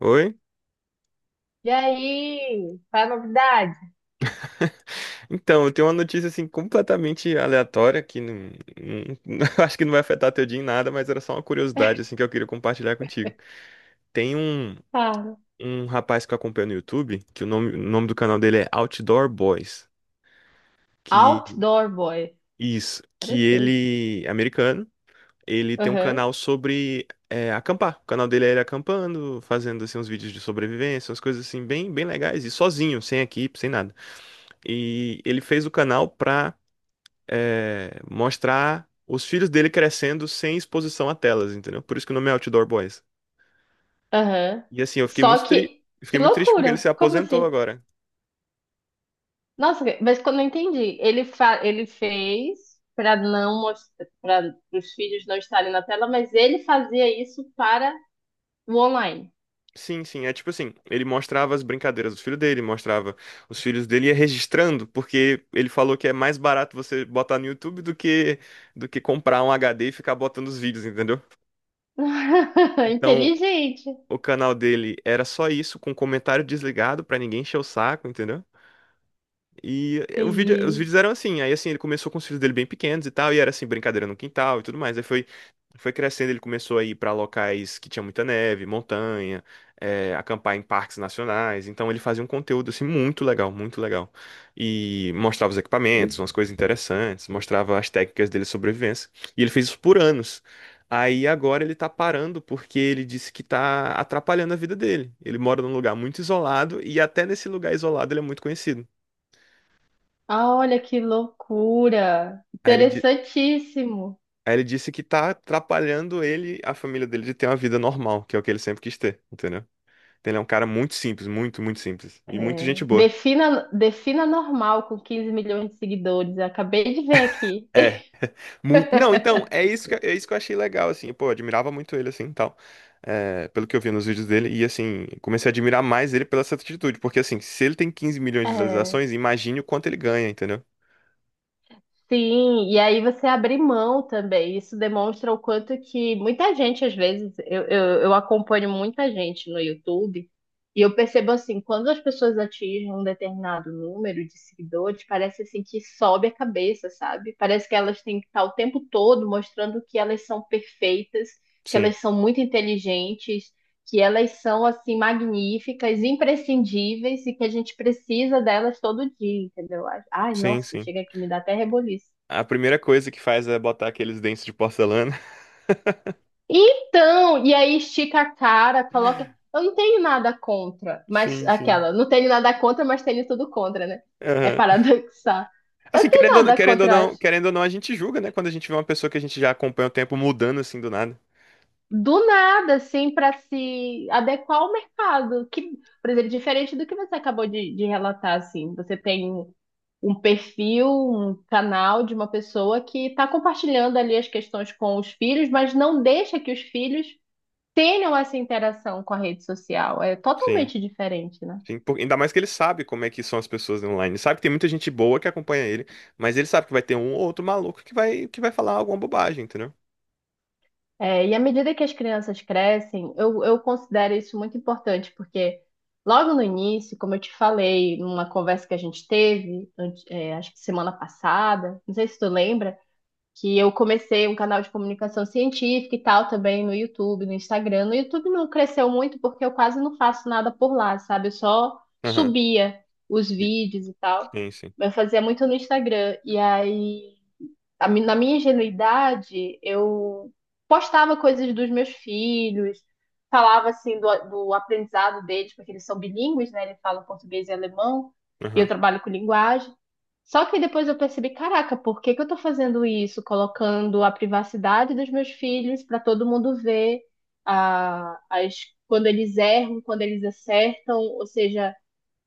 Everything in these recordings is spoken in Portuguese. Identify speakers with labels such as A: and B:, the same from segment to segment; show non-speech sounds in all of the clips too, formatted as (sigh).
A: Oi?
B: E aí? Qual é a novidade?
A: Então, eu tenho uma notícia assim completamente aleatória que não- (laughs) acho que não vai afetar teu dia em nada, mas era só uma curiosidade assim que eu queria compartilhar contigo. Tem
B: Cara,
A: um rapaz que eu acompanho no YouTube, que o nome do canal dele é Outdoor Boys, que
B: Outdoor Boy.
A: isso, que
B: Interessante.
A: ele é americano, ele tem um
B: Aham,
A: canal sobre acampar. O canal dele é ele acampando, fazendo assim uns vídeos de sobrevivência, umas coisas assim bem legais e sozinho, sem equipe, sem nada. E ele fez o canal pra mostrar os filhos dele crescendo sem exposição a telas, entendeu? Por isso que o nome é Outdoor Boys.
B: aham.
A: E assim,
B: Só
A: eu fiquei
B: que
A: muito triste porque ele
B: loucura.
A: se
B: Como
A: aposentou
B: assim?
A: agora.
B: Nossa, mas quando eu não entendi, ele, fa ele fez para não mostrar, para os filhos não estarem na tela, mas ele fazia isso para o online.
A: Sim, sim, é tipo assim, ele mostrava as brincadeiras dos filhos dele, mostrava os filhos dele e ia registrando, porque ele falou que é mais barato você botar no YouTube do que comprar um HD e ficar botando os vídeos, entendeu?
B: (laughs)
A: Então,
B: Inteligente.
A: o canal dele era só isso, com comentário desligado pra ninguém encher o saco, entendeu? E o vídeo, os
B: Entendi.
A: vídeos eram assim, aí assim, ele começou com os filhos dele bem pequenos e tal, e era assim, brincadeira no quintal e tudo mais. Aí foi crescendo, ele começou a ir pra locais que tinha muita neve, montanha, acampar em parques nacionais. Então ele fazia um conteúdo assim muito legal, muito legal. E mostrava os equipamentos, umas coisas interessantes, mostrava as técnicas dele de sobrevivência. E ele fez isso por anos. Aí agora ele tá parando porque ele disse que tá atrapalhando a vida dele. Ele mora num lugar muito isolado e até nesse lugar isolado ele é muito conhecido.
B: Ah, olha que loucura.
A: Aí ele, di-
B: Interessantíssimo.
A: Aí ele disse que tá atrapalhando ele, a família dele, de ter uma vida normal, que é o que ele sempre quis ter, entendeu? Então ele é um cara muito simples, muito simples. E muito
B: É,
A: gente boa.
B: defina, defina normal com 15 milhões de seguidores. Eu acabei de ver aqui.
A: É,
B: (laughs)
A: muito. Não, então, é isso que eu achei legal, assim. Pô, eu admirava muito ele, assim, e tal. É, pelo que eu vi nos vídeos dele. E, assim, comecei a admirar mais ele pela essa atitude. Porque, assim, se ele tem 15 milhões de
B: É,
A: visualizações, imagine o quanto ele ganha, entendeu?
B: sim, e aí você abrir mão também. Isso demonstra o quanto que muita gente, às vezes, eu acompanho muita gente no YouTube. E eu percebo assim, quando as pessoas atingem um determinado número de seguidores, parece assim que sobe a cabeça, sabe? Parece que elas têm que estar o tempo todo mostrando que elas são perfeitas, que
A: Sim,
B: elas são muito inteligentes, que elas são assim magníficas, imprescindíveis e que a gente precisa delas todo dia, entendeu? Ai,
A: sim,
B: nossa,
A: sim.
B: chega aqui, me dá até reboliço.
A: A primeira coisa que faz é botar aqueles dentes de porcelana.
B: Então, e aí estica a cara, coloca. Eu não tenho nada contra,
A: (laughs)
B: mas
A: Sim, sim.
B: aquela, não tenho nada contra, mas tenho tudo contra, né? É paradoxal.
A: Assim,
B: Eu tenho nada contra
A: querendo ou não, a gente julga, né? Quando a gente vê uma pessoa que a gente já acompanha o tempo mudando assim do nada.
B: do nada, assim, para se adequar ao mercado. Que, por exemplo, diferente do que você acabou de relatar, assim, você tem um perfil, um canal de uma pessoa que está compartilhando ali as questões com os filhos, mas não deixa que os filhos tenham essa interação com a rede social. É
A: Sim.
B: totalmente diferente, né?
A: Ainda mais que ele sabe como é que são as pessoas online. Ele sabe que tem muita gente boa que acompanha ele, mas ele sabe que vai ter um ou outro maluco que que vai falar alguma bobagem, entendeu?
B: É, e à medida que as crianças crescem, eu considero isso muito importante, porque logo no início, como eu te falei, numa conversa que a gente teve, é, acho que semana passada, não sei se tu lembra. Que eu comecei um canal de comunicação científica e tal também no YouTube, no Instagram. No YouTube não cresceu muito porque eu quase não faço nada por lá, sabe? Eu só
A: Aham.
B: subia os
A: E-
B: vídeos e tal.
A: Sim, sim.
B: Mas eu fazia muito no Instagram. E aí, na minha ingenuidade, eu postava coisas dos meus filhos, falava assim do aprendizado deles, porque eles são bilíngues, né? Eles falam português e alemão. E eu
A: Aham.
B: trabalho com linguagem. Só que depois eu percebi, caraca, por que que eu tô fazendo isso? Colocando a privacidade dos meus filhos para todo mundo ver a, as, quando eles erram, quando eles acertam, ou seja,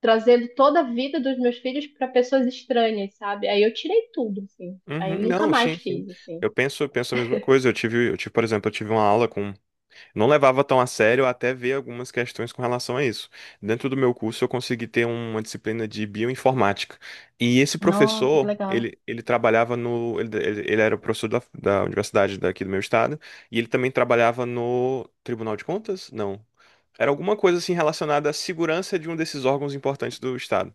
B: trazendo toda a vida dos meus filhos para pessoas estranhas, sabe? Aí eu tirei tudo, assim. Aí
A: Uhum.
B: eu nunca
A: Não,
B: mais
A: sim, sim.
B: fiz, assim.
A: Eu penso, penso a mesma coisa. Por exemplo, eu tive uma aula com não levava tão a sério até ver algumas questões com relação a isso. Dentro do meu curso, eu consegui ter uma disciplina de bioinformática. E esse
B: Nossa, que
A: professor,
B: legal.
A: ele trabalhava no. Ele era professor da universidade daqui do meu estado, e ele também trabalhava no Tribunal de Contas? Não. Era alguma coisa assim relacionada à segurança de um desses órgãos importantes do estado.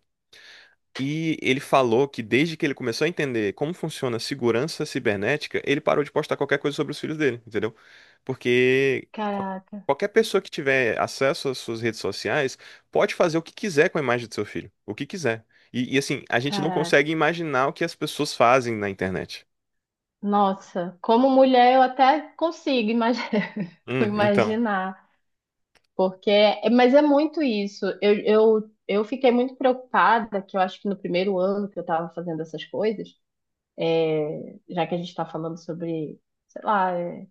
A: E ele falou que desde que ele começou a entender como funciona a segurança cibernética, ele parou de postar qualquer coisa sobre os filhos dele, entendeu? Porque qual-
B: Caraca,
A: qualquer pessoa que tiver acesso às suas redes sociais pode fazer o que quiser com a imagem do seu filho, o que quiser. E, assim, a gente não
B: caraca.
A: consegue imaginar o que as pessoas fazem na internet.
B: Nossa, como mulher eu até consigo imaginar, (laughs)
A: Então.
B: imaginar. Porque, mas é muito isso. Eu fiquei muito preocupada, que eu acho que no primeiro ano que eu estava fazendo essas coisas, é, já que a gente está falando sobre, sei lá, é,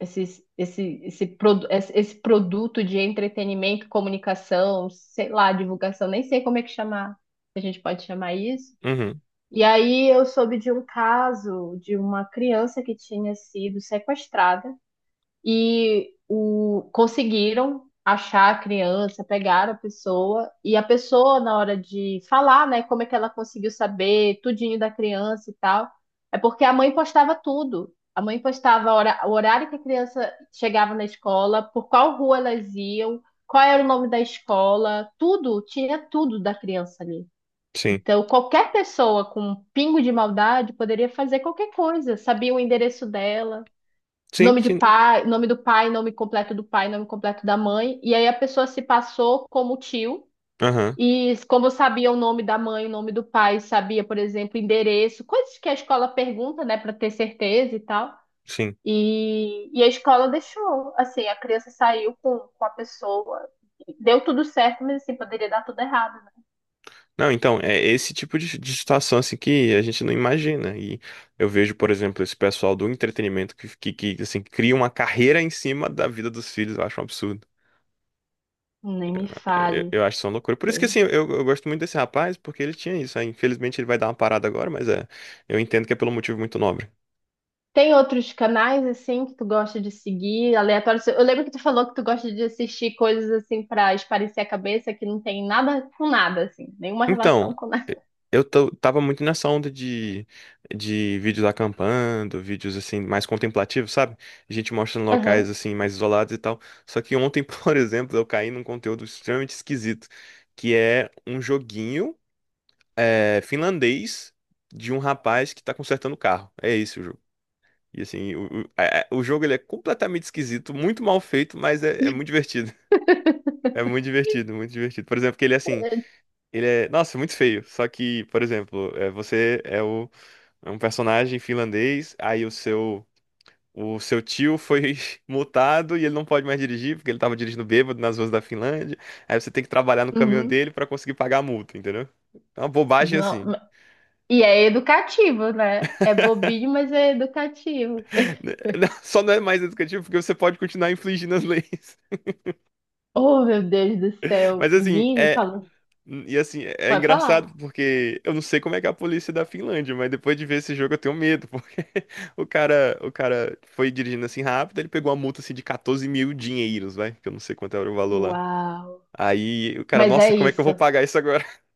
B: esse produto de entretenimento, comunicação, sei lá, divulgação, nem sei como é que chamar, se a gente pode chamar isso.
A: Uhum,
B: E aí eu soube de um caso de uma criança que tinha sido sequestrada e o, conseguiram achar a criança, pegaram a pessoa, e a pessoa, na hora de falar, né, como é que ela conseguiu saber tudinho da criança e tal, é porque a mãe postava tudo. A mãe postava a o horário que a criança chegava na escola, por qual rua elas iam, qual era o nome da escola, tudo, tinha tudo da criança ali.
A: sim.
B: Então, qualquer pessoa com um pingo de maldade poderia fazer qualquer coisa, sabia o endereço dela.
A: Sim,
B: Nome de
A: sim.
B: pai, nome do pai, nome completo do pai, nome completo da mãe. E aí a pessoa se passou como tio.
A: Aham,
B: E como sabia o nome da mãe, o nome do pai, sabia, por exemplo, endereço, coisas que a escola pergunta, né, para ter certeza e tal.
A: sim.
B: E a escola deixou, assim, a criança saiu com a pessoa. Deu tudo certo, mas assim, poderia dar tudo errado, né?
A: Não, então, é esse tipo de situação assim que a gente não imagina. E eu vejo, por exemplo, esse pessoal do entretenimento que, assim, cria uma carreira em cima da vida dos filhos. Eu acho um absurdo.
B: Nem me
A: É,
B: fale.
A: eu acho isso uma loucura. Por isso que assim, eu gosto muito desse rapaz, porque ele tinha isso. Aí, infelizmente ele vai dar uma parada agora, mas é, eu entendo que é pelo motivo muito nobre.
B: Tem outros canais assim que tu gosta de seguir, aleatórios? Eu lembro que tu falou que tu gosta de assistir coisas assim pra esparecer a cabeça que não tem nada com nada assim, nenhuma
A: Então,
B: relação com
A: e-
B: nada.
A: tava muito nessa onda de vídeos acampando, vídeos assim, mais contemplativos, sabe? A gente mostrando
B: (laughs)
A: locais
B: Aham.
A: assim, mais isolados e tal. Só que ontem, (laughs) por exemplo, eu caí num conteúdo extremamente esquisito, que é um joguinho finlandês de um rapaz que tá consertando o carro. É esse o jogo. E assim, o jogo ele é completamente esquisito, muito mal feito, mas é muito divertido. (laughs) É muito divertido, muito divertido. Por exemplo, que ele assim. Ele é, nossa, muito feio. Só que, por exemplo, é um personagem finlandês, o seu tio foi (laughs) multado e ele não pode mais dirigir, porque ele tava dirigindo bêbado nas ruas da Finlândia. Aí você tem que trabalhar no caminhão
B: Uhum.
A: dele pra conseguir pagar a multa, entendeu? É uma bobagem
B: Não,
A: assim.
B: e é educativo, né? É bobinho, mas é educativo.
A: (laughs) Só não é mais educativo porque você pode continuar infligindo as (laughs) leis.
B: Oh, meu Deus do céu,
A: Mas assim,
B: menino,
A: é,
B: fala.
A: hum, e assim, é
B: Pode
A: engraçado
B: falar.
A: porque eu não sei como é que é a polícia da Finlândia, mas depois de ver esse jogo eu tenho medo, porque (laughs) o cara foi dirigindo assim rápido, ele pegou uma multa assim de 14 mil dinheiros, vai, que eu não sei quanto era o valor lá.
B: Uau.
A: Aí o cara,
B: Mas é
A: nossa, como é que eu
B: isso.
A: vou pagar isso agora? (laughs)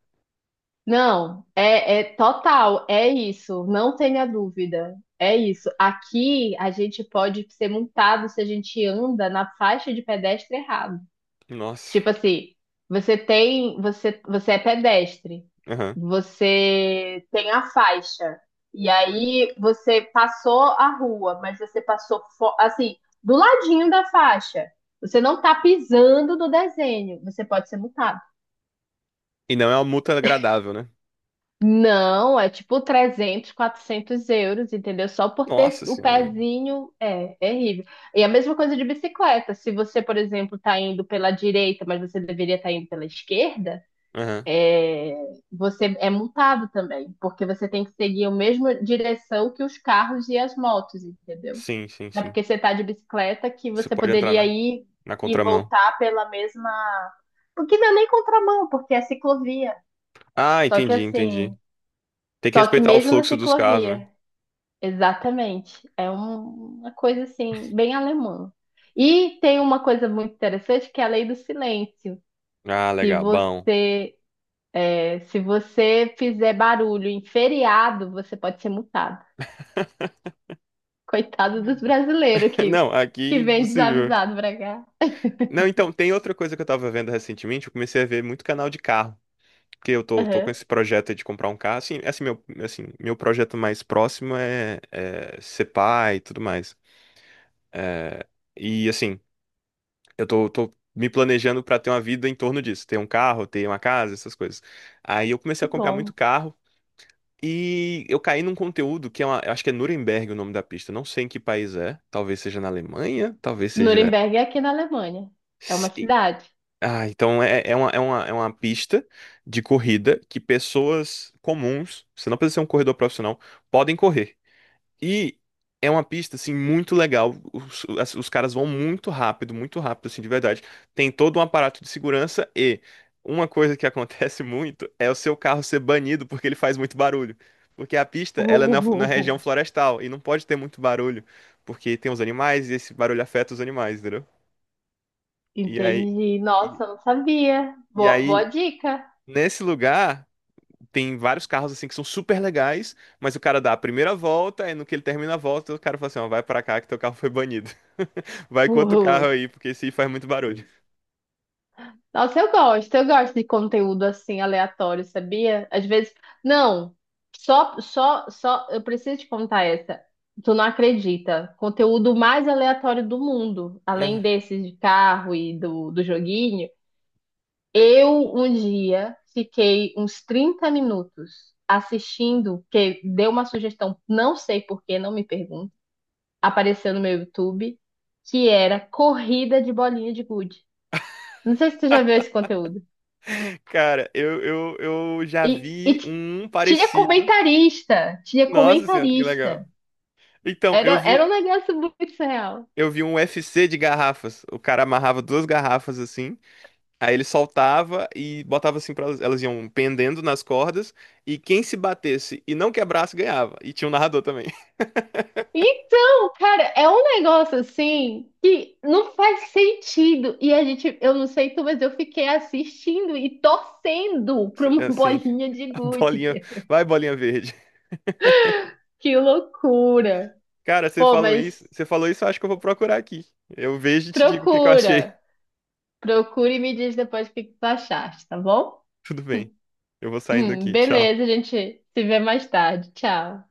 B: Não, é, é total, é isso, não tenha dúvida. É isso. Aqui a gente pode ser multado se a gente anda na faixa de pedestre errado.
A: Nossa.
B: Tipo assim, você é pedestre,
A: Aham.
B: você tem a faixa, e aí você passou a rua, mas você passou assim, do ladinho da faixa. Você não tá pisando no desenho, você pode ser multado.
A: E não é uma multa agradável, né?
B: Não, é tipo 300, 400 euros, entendeu? Só por ter
A: Nossa
B: o
A: senhora.
B: pezinho, é terrível. E a mesma coisa de bicicleta. Se você, por exemplo, está indo pela direita, mas você deveria estar indo pela esquerda,
A: Aham.
B: você é multado também, porque você tem que seguir a mesma direção que os carros e as motos, entendeu?
A: Sim, sim,
B: Não é
A: sim.
B: porque você está de bicicleta que
A: Você
B: você
A: pode entrar
B: poderia ir
A: na
B: e
A: contramão.
B: voltar pela mesma. Porque não é nem contramão, porque é ciclovia.
A: Ah,
B: Só que
A: entendi, entendi.
B: assim,
A: Tem que
B: só que
A: respeitar o
B: mesmo na
A: fluxo dos carros, né?
B: ciclovia. Exatamente. É uma coisa assim, bem alemã. E tem uma coisa muito interessante que é a lei do silêncio.
A: Ah,
B: Se
A: legal,
B: você,
A: bom.
B: se você fizer barulho em feriado, você pode ser multado.
A: (laughs)
B: Coitado dos brasileiros
A: Não, aqui é
B: que vem
A: impossível.
B: desavisado pra cá.
A: Não, então, tem outra coisa que eu tava vendo recentemente, eu comecei a ver muito canal de carro, porque tô com
B: Aham.
A: esse projeto de comprar um carro, assim, meu projeto mais próximo é ser pai e tudo mais. E, assim, tô me planejando pra ter uma vida em torno disso, ter um carro, ter uma casa, essas coisas. Aí eu comecei
B: Que
A: a comprar muito
B: bom.
A: carro, e eu caí num conteúdo que é uma, eu acho que é Nuremberg o nome da pista, eu não sei em que país é, talvez seja na Alemanha, talvez seja...
B: Nuremberg é aqui na Alemanha. É uma cidade.
A: Ah, então é uma pista de corrida que pessoas comuns, você não precisa ser um corredor profissional, podem correr. E é uma pista, assim, muito legal. Os caras vão muito rápido, assim, de verdade. Tem todo um aparato de segurança e uma coisa que (laughs) acontece muito é o seu carro ser banido porque ele faz muito barulho. Porque a
B: (laughs)
A: pista, ela é na região
B: Uh,
A: florestal e não pode ter muito barulho, porque tem os animais e esse barulho afeta os animais, entendeu? E aí...
B: entendi.
A: E,
B: Nossa, eu não sabia.
A: e
B: Boa, boa
A: aí
B: dica.
A: nesse lugar, tem vários carros assim que são super legais, mas o cara dá a primeira volta, e no que ele termina a volta, o cara fala assim, ó, vai pra cá que teu carro foi banido. (laughs) Vai com outro
B: Uh,
A: carro aí, porque esse aí faz muito barulho.
B: Nossa, eu gosto de conteúdo assim aleatório, sabia? Às vezes, não, eu preciso te contar essa. Tu não acredita? Conteúdo mais aleatório do mundo, além
A: (laughs)
B: desses de carro e do joguinho. Eu um dia fiquei uns 30 minutos assistindo, que deu uma sugestão, não sei por que, não me pergunte, apareceu no meu YouTube, que era corrida de bolinha de gude. Não sei se tu já viu esse conteúdo.
A: Cara, eu já
B: E, e
A: vi
B: t-
A: um
B: tinha
A: parecido.
B: comentarista, tinha
A: Nossa senhora, que legal.
B: comentarista.
A: Então,
B: Era, era um negócio muito surreal.
A: eu vi um UFC de garrafas. O cara amarrava duas garrafas assim, aí ele soltava e botava assim para elas, elas iam pendendo nas cordas, e quem se batesse e não quebrasse ganhava. E tinha um narrador também.
B: Então, cara, é um negócio assim que não faz sentido. E a gente, eu não sei tu, mas eu fiquei assistindo e torcendo pra uma (laughs)
A: Assim,
B: bolinha
A: (laughs)
B: de
A: a
B: gude.
A: bolinha. Vai, bolinha verde.
B: Que loucura.
A: Cara, você
B: Pô,
A: falou
B: mas
A: isso. Você falou isso, eu acho que eu vou procurar aqui. Eu vejo e te digo o que que eu achei.
B: procura. Procura e me diz depois o que que tu achaste, tá bom?
A: (laughs) Tudo bem. Eu vou saindo aqui. Tchau.
B: Beleza, a gente se vê mais tarde. Tchau.